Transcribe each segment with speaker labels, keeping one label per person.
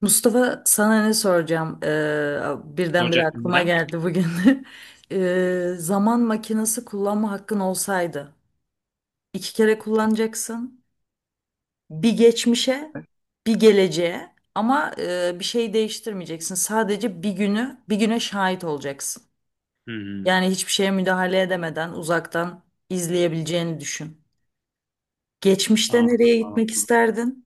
Speaker 1: Mustafa sana ne soracağım? Birdenbire
Speaker 2: Ocak
Speaker 1: aklıma
Speaker 2: neden?
Speaker 1: geldi bugün. Zaman makinesi kullanma hakkın olsaydı iki kere kullanacaksın. Bir geçmişe, bir geleceğe ama bir şey değiştirmeyeceksin. Sadece bir günü, bir güne şahit olacaksın.
Speaker 2: Hmm.
Speaker 1: Yani hiçbir şeye müdahale edemeden uzaktan izleyebileceğini düşün. Geçmişte
Speaker 2: Aa,
Speaker 1: nereye gitmek isterdin?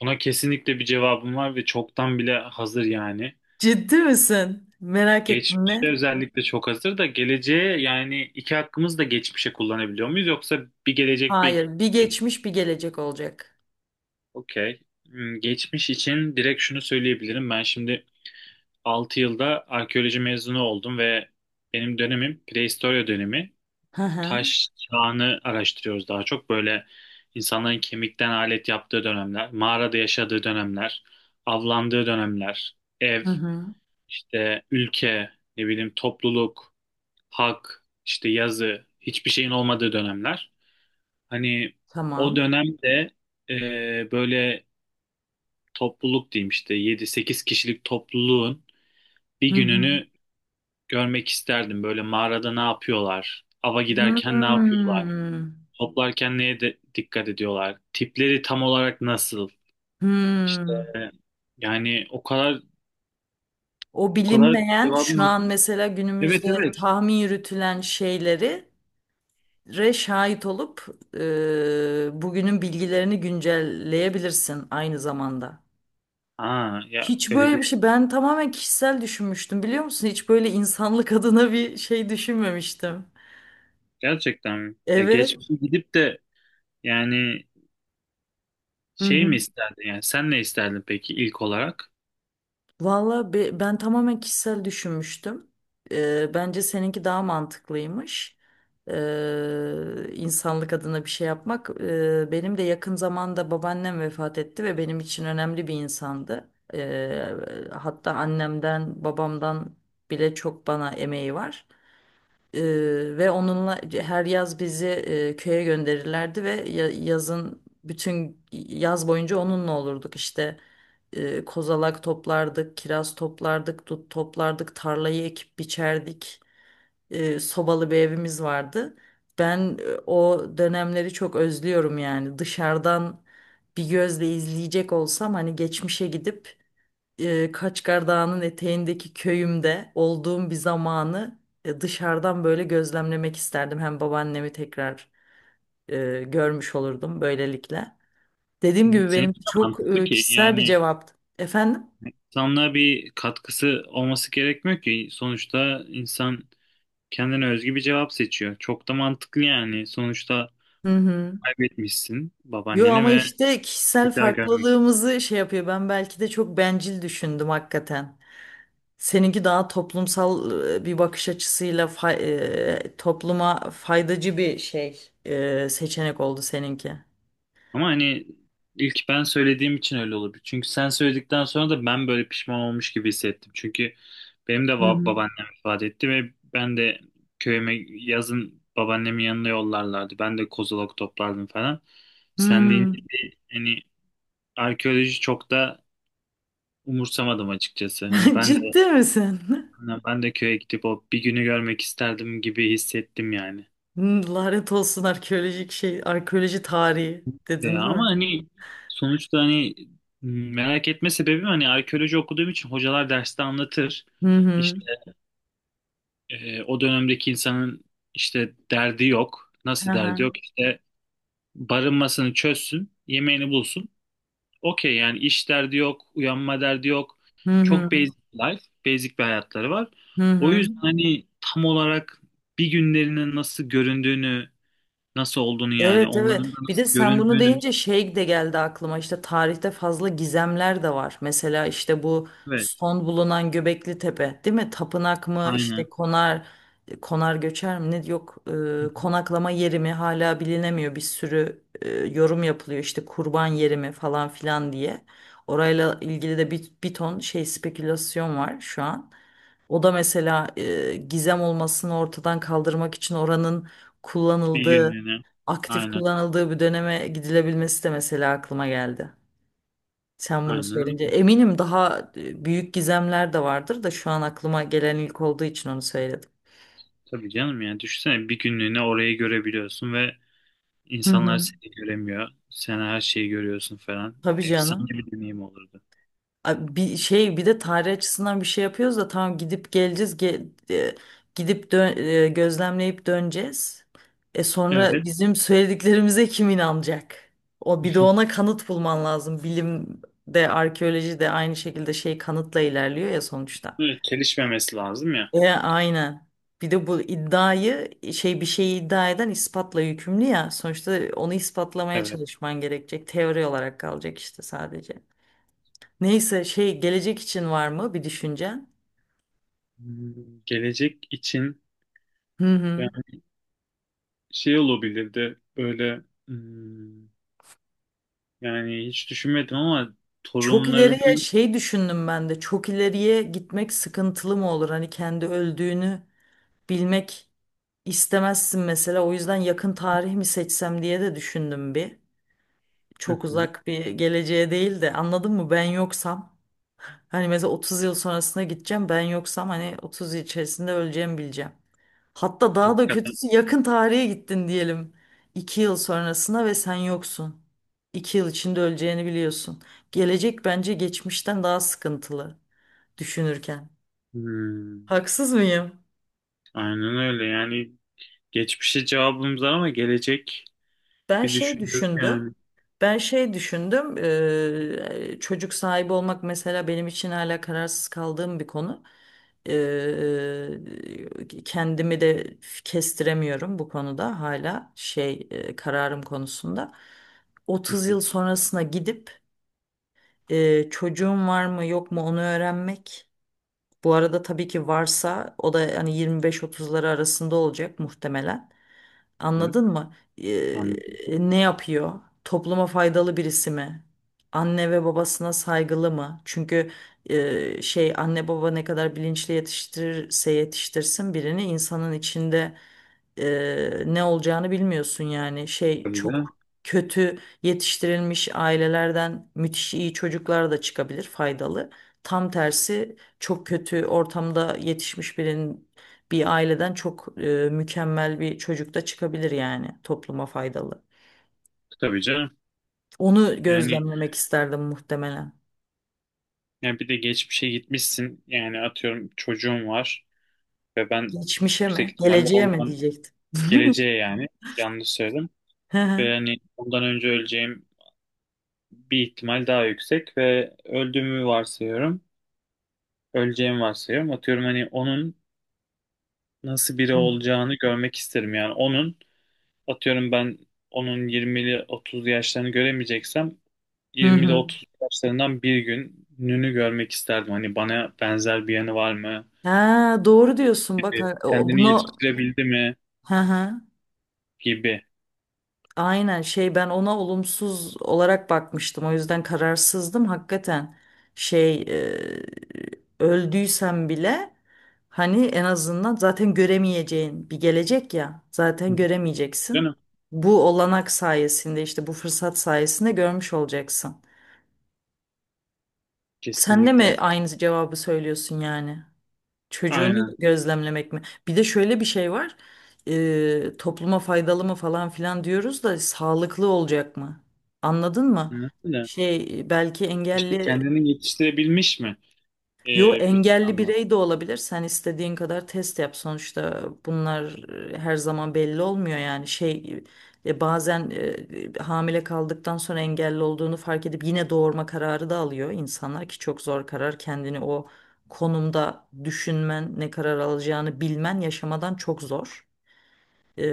Speaker 2: buna kesinlikle bir cevabım var ve çoktan bile hazır yani.
Speaker 1: Ciddi misin? Merak ettim
Speaker 2: Geçmişte
Speaker 1: ne?
Speaker 2: özellikle çok hazır da geleceğe yani iki hakkımızı da geçmişe kullanabiliyor muyuz? Yoksa bir gelecek bir...
Speaker 1: Hayır, bir geçmiş, bir gelecek olacak.
Speaker 2: Okey. Hmm, geçmiş için direkt şunu söyleyebilirim. Ben şimdi 6 yılda arkeoloji mezunu oldum ve benim dönemim prehistorya dönemi.
Speaker 1: Hı hı.
Speaker 2: Taş çağını araştırıyoruz daha çok. Böyle insanların kemikten alet yaptığı dönemler, mağarada yaşadığı dönemler, avlandığı dönemler, ev,
Speaker 1: Hı hı.
Speaker 2: işte ülke, ne bileyim topluluk, hak, işte yazı, hiçbir şeyin olmadığı dönemler. Hani o
Speaker 1: Tamam.
Speaker 2: dönemde böyle topluluk diyeyim işte yedi sekiz kişilik topluluğun
Speaker 1: Hı
Speaker 2: bir
Speaker 1: hı.
Speaker 2: gününü görmek isterdim. Böyle mağarada ne yapıyorlar, ava giderken ne yapıyorlar.
Speaker 1: Hmm.
Speaker 2: Toplarken neye de dikkat ediyorlar? Tipleri tam olarak nasıl? İşte
Speaker 1: Hmm.
Speaker 2: yani o kadar
Speaker 1: O
Speaker 2: o kadar
Speaker 1: bilinmeyen
Speaker 2: cevabım
Speaker 1: şu an
Speaker 2: hazır.
Speaker 1: mesela
Speaker 2: Evet,
Speaker 1: günümüzde
Speaker 2: evet.
Speaker 1: tahmin yürütülen şeyleri şahit olup bugünün bilgilerini güncelleyebilirsin aynı zamanda.
Speaker 2: Aa ya
Speaker 1: Hiç
Speaker 2: öyle
Speaker 1: böyle
Speaker 2: bir
Speaker 1: bir şey ben tamamen kişisel düşünmüştüm biliyor musun? Hiç böyle insanlık adına bir şey düşünmemiştim.
Speaker 2: gerçekten mi? Ya
Speaker 1: Evet.
Speaker 2: geçmişe gidip de yani
Speaker 1: Hı
Speaker 2: şey
Speaker 1: hı.
Speaker 2: mi isterdin yani sen ne isterdin peki ilk olarak?
Speaker 1: Valla ben tamamen kişisel düşünmüştüm. Bence seninki daha mantıklıymış. İnsanlık adına bir şey yapmak. Benim de yakın zamanda babaannem vefat etti ve benim için önemli bir insandı. Ee, hatta annemden, babamdan bile çok bana emeği var. Ee, ve onunla her yaz bizi köye gönderirlerdi ve yazın bütün yaz boyunca onunla olurduk işte kozalak toplardık, kiraz toplardık, dut toplardık, tarlayı ekip biçerdik. Sobalı bir evimiz vardı. Ben o dönemleri çok özlüyorum yani. Dışarıdan bir gözle izleyecek olsam hani geçmişe gidip Kaçkar Dağı'nın eteğindeki köyümde olduğum bir zamanı dışarıdan böyle gözlemlemek isterdim. Hem babaannemi tekrar görmüş olurdum böylelikle. Dediğim
Speaker 2: Hı.
Speaker 1: gibi benim
Speaker 2: Seninki de
Speaker 1: çok
Speaker 2: mantıklı ki
Speaker 1: kişisel bir
Speaker 2: yani
Speaker 1: cevaptı. Efendim?
Speaker 2: insanlığa bir katkısı olması gerekmiyor ki. Sonuçta insan kendine özgü bir cevap seçiyor. Çok da mantıklı yani. Sonuçta
Speaker 1: Hı hı.
Speaker 2: kaybetmişsin
Speaker 1: Yo,
Speaker 2: babaanneni
Speaker 1: ama
Speaker 2: ve
Speaker 1: işte kişisel
Speaker 2: tekrar görmek istiyorum.
Speaker 1: farklılığımızı şey yapıyor. Ben belki de çok bencil düşündüm hakikaten. Seninki daha toplumsal bir bakış açısıyla topluma faydacı bir şey seçenek oldu seninki.
Speaker 2: Ama hani ilk ben söylediğim için öyle olabilir. Çünkü sen söyledikten sonra da ben böyle pişman olmuş gibi hissettim. Çünkü benim de
Speaker 1: Hı hı.
Speaker 2: babaannem ifade etti ve ben de köyüme yazın babaannemin yanına yollarlardı. Ben de kozalak toplardım falan. Sen deyince
Speaker 1: Hmm.
Speaker 2: bir hani arkeoloji çok da umursamadım açıkçası. Hani ben de
Speaker 1: Ciddi misin?
Speaker 2: ben de köye gidip o bir günü görmek isterdim gibi hissettim yani.
Speaker 1: Hmm. Lanet olsun arkeolojik şey, arkeoloji tarihi dedin değil
Speaker 2: Ama
Speaker 1: mi?
Speaker 2: hani sonuçta hani merak etme sebebim hani arkeoloji okuduğum için hocalar derste anlatır.
Speaker 1: Hı hı.
Speaker 2: İşte o dönemdeki insanın işte derdi yok. Nasıl
Speaker 1: Aha.
Speaker 2: derdi yok? İşte barınmasını çözsün, yemeğini bulsun. Okey yani iş derdi yok, uyanma derdi yok.
Speaker 1: Hı
Speaker 2: Çok
Speaker 1: hı.
Speaker 2: basic life, basic bir hayatları var.
Speaker 1: Hı
Speaker 2: O
Speaker 1: hı.
Speaker 2: yüzden hani tam olarak bir günlerinin nasıl göründüğünü, nasıl olduğunu yani
Speaker 1: Evet, evet.
Speaker 2: onların da
Speaker 1: Bir de
Speaker 2: nasıl
Speaker 1: sen bunu
Speaker 2: göründüğünü.
Speaker 1: deyince şey de geldi aklıma. İşte tarihte fazla gizemler de var. Mesela işte bu
Speaker 2: Evet,
Speaker 1: son bulunan Göbekli Tepe, değil mi? Tapınak mı? İşte
Speaker 2: aynen.
Speaker 1: konar göçer mi? Ne yok konaklama yeri mi hala bilinemiyor. Bir sürü yorum yapılıyor. İşte kurban yeri mi falan filan diye. Orayla ilgili de bir ton şey spekülasyon var şu an. O da mesela gizem olmasını ortadan kaldırmak için oranın
Speaker 2: Bir
Speaker 1: kullanıldığı
Speaker 2: günlüğüne.
Speaker 1: aktif
Speaker 2: Aynen.
Speaker 1: kullanıldığı bir döneme gidilebilmesi de mesela aklıma geldi. Sen bunu
Speaker 2: Aynen.
Speaker 1: söyleyince eminim daha büyük gizemler de vardır da şu an aklıma gelen ilk olduğu için onu söyledim.
Speaker 2: Tabii canım yani düşünsene bir günlüğüne orayı görebiliyorsun ve
Speaker 1: Hı
Speaker 2: insanlar
Speaker 1: hı.
Speaker 2: seni göremiyor. Sen her şeyi görüyorsun falan.
Speaker 1: Tabii
Speaker 2: Efsane
Speaker 1: canım.
Speaker 2: bir deneyim olurdu.
Speaker 1: Bir şey bir de tarih açısından bir şey yapıyoruz da tamam gidip geleceğiz gidip gözlemleyip döneceğiz. E sonra
Speaker 2: Evet.
Speaker 1: bizim söylediklerimize kim inanacak? O bir de ona kanıt bulman lazım. Bilim de arkeoloji de aynı şekilde şey kanıtla ilerliyor ya sonuçta.
Speaker 2: Evet. Çelişmemesi lazım ya.
Speaker 1: Aynen. Bir de bu iddiayı şey bir şeyi iddia eden ispatla yükümlü ya. Sonuçta onu ispatlamaya
Speaker 2: Evet.
Speaker 1: çalışman gerekecek. Teori olarak kalacak işte sadece. Neyse şey gelecek için var mı bir düşüncen?
Speaker 2: Hmm, gelecek için
Speaker 1: Hı hı.
Speaker 2: yani şey olabilirdi böyle, hmm, yani hiç düşünmedim ama
Speaker 1: Çok
Speaker 2: torunlarını.
Speaker 1: ileriye şey düşündüm ben de. Çok ileriye gitmek sıkıntılı mı olur? Hani kendi öldüğünü bilmek istemezsin mesela. O yüzden yakın tarih mi seçsem diye de düşündüm bir.
Speaker 2: Hı
Speaker 1: Çok
Speaker 2: hı.
Speaker 1: uzak bir geleceğe değil de anladın mı? Ben yoksam. Hani mesela 30 yıl sonrasına gideceğim, ben yoksam hani 30 yıl içerisinde öleceğimi bileceğim. Hatta daha da
Speaker 2: Hakikaten.
Speaker 1: kötüsü yakın tarihe gittin diyelim. 2 yıl sonrasına ve sen yoksun. 2 yıl içinde öleceğini biliyorsun. Gelecek bence geçmişten daha sıkıntılı düşünürken.
Speaker 2: Hmm,
Speaker 1: Haksız mıyım?
Speaker 2: aynen öyle yani geçmişe cevabımız var ama gelecek
Speaker 1: Ben
Speaker 2: bir
Speaker 1: şey
Speaker 2: düşünüyorum
Speaker 1: düşündüm.
Speaker 2: yani.
Speaker 1: Ben şey düşündüm. Çocuk sahibi olmak mesela benim için hala kararsız kaldığım bir konu. Eee, kendimi de kestiremiyorum bu konuda hala şey kararım konusunda.
Speaker 2: Hı
Speaker 1: 30
Speaker 2: hı
Speaker 1: yıl sonrasına gidip çocuğum var mı yok mu onu öğrenmek. Bu arada tabii ki varsa o da hani 25-30'ları arasında olacak muhtemelen.
Speaker 2: hı.
Speaker 1: Anladın mı? Ee,
Speaker 2: Anladım.
Speaker 1: ne yapıyor? Topluma faydalı birisi mi? Anne ve babasına saygılı mı? Çünkü şey anne baba ne kadar bilinçli yetiştirirse yetiştirsin birini, insanın içinde ne olacağını bilmiyorsun yani. Şey
Speaker 2: Tabii
Speaker 1: çok
Speaker 2: de.
Speaker 1: kötü yetiştirilmiş ailelerden müthiş iyi çocuklar da çıkabilir, faydalı. Tam tersi çok kötü ortamda yetişmiş birinin, bir aileden çok mükemmel bir çocuk da çıkabilir, yani topluma faydalı.
Speaker 2: Tabii canım.
Speaker 1: Onu
Speaker 2: Yani,
Speaker 1: gözlemlemek isterdim muhtemelen.
Speaker 2: yani, bir de geçmişe gitmişsin. Yani atıyorum çocuğum var ve ben
Speaker 1: Geçmişe
Speaker 2: yüksek
Speaker 1: mi?
Speaker 2: ihtimalle
Speaker 1: Geleceğe mi
Speaker 2: ondan
Speaker 1: diyecektim.
Speaker 2: geleceğe yani yanlış söyledim.
Speaker 1: Hı
Speaker 2: Ve
Speaker 1: hı.
Speaker 2: yani ondan önce öleceğim bir ihtimal daha yüksek ve öldüğümü varsayıyorum. Öleceğimi varsayıyorum. Atıyorum hani onun nasıl biri olacağını görmek isterim. Yani onun atıyorum ben onun 20'li 30'lu yaşlarını göremeyeceksem
Speaker 1: Hı
Speaker 2: 20 ile
Speaker 1: hı.
Speaker 2: 30 yaşlarından bir gününü görmek isterdim. Hani bana benzer bir yanı var mı
Speaker 1: Ha, doğru diyorsun bak,
Speaker 2: gibi. Kendini
Speaker 1: bunu
Speaker 2: yetiştirebildi mi
Speaker 1: hı hı.
Speaker 2: gibi.
Speaker 1: Aynen şey, ben ona olumsuz olarak bakmıştım. O yüzden kararsızdım. Hakikaten şey öldüysem bile, hani en azından zaten göremeyeceğin bir gelecek ya. Zaten
Speaker 2: Değil mi?
Speaker 1: göremeyeceksin. Bu olanak sayesinde, işte bu fırsat sayesinde görmüş olacaksın. Sen de
Speaker 2: Kesinlikle.
Speaker 1: mi aynı cevabı söylüyorsun yani? Çocuğunu
Speaker 2: Aynen.
Speaker 1: gözlemlemek mi? Bir de şöyle bir şey var. Topluma faydalı mı falan filan diyoruz da sağlıklı olacak mı? Anladın mı?
Speaker 2: Anladın mı?
Speaker 1: Şey belki
Speaker 2: İşte
Speaker 1: engelli
Speaker 2: kendini yetiştirebilmiş mi? Ee,
Speaker 1: Yo,
Speaker 2: bir
Speaker 1: engelli
Speaker 2: anlamda.
Speaker 1: birey de olabilir. Sen istediğin kadar test yap. Sonuçta bunlar her zaman belli olmuyor yani. Şey bazen hamile kaldıktan sonra engelli olduğunu fark edip yine doğurma kararı da alıyor insanlar ki çok zor karar. Kendini o konumda düşünmen, ne karar alacağını bilmen yaşamadan çok zor. E,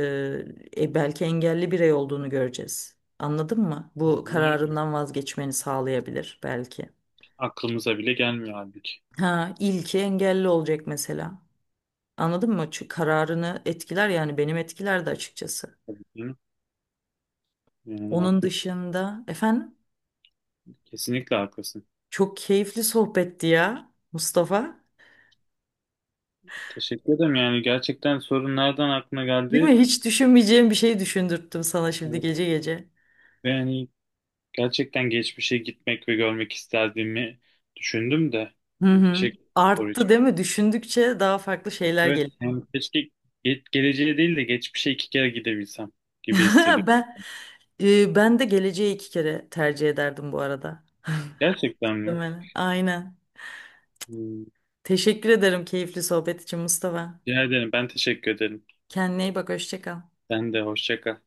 Speaker 1: belki engelli birey olduğunu göreceğiz. Anladın mı? Bu
Speaker 2: Aynen öyle.
Speaker 1: kararından vazgeçmeni sağlayabilir belki.
Speaker 2: Aklımıza bile gelmiyor halbuki.
Speaker 1: Ha, ilki engelli olacak mesela. Anladın mı? Çünkü kararını etkiler, yani benim etkiler de açıkçası.
Speaker 2: Tabii canım. Yani
Speaker 1: Onun
Speaker 2: haklısın.
Speaker 1: dışında efendim,
Speaker 2: Kesinlikle haklısın.
Speaker 1: çok keyifli sohbetti ya Mustafa.
Speaker 2: Teşekkür ederim. Yani gerçekten sorun nereden aklına
Speaker 1: Değil
Speaker 2: geldi?
Speaker 1: mi? Hiç düşünmeyeceğim bir şey düşündürttüm sana şimdi
Speaker 2: Evet.
Speaker 1: gece gece.
Speaker 2: Ve yani gerçekten geçmişe gitmek ve görmek isterdiğimi düşündüm de.
Speaker 1: Hı
Speaker 2: Yani
Speaker 1: hı.
Speaker 2: teşekkür ederim soru için.
Speaker 1: Arttı değil mi? Düşündükçe daha farklı şeyler
Speaker 2: Evet,
Speaker 1: geliyor.
Speaker 2: yani keşke geleceğe değil de geçmişe iki kere gidebilsem gibi hissediyorum.
Speaker 1: Ben ben de geleceği iki kere tercih ederdim bu arada.
Speaker 2: Gerçekten mi?
Speaker 1: Değil mi? Aynen.
Speaker 2: Hmm,
Speaker 1: Teşekkür ederim keyifli sohbet için Mustafa.
Speaker 2: Rica ederim. Ben teşekkür ederim.
Speaker 1: Kendine iyi bak, hoşça kal.
Speaker 2: Sen de hoşça kal.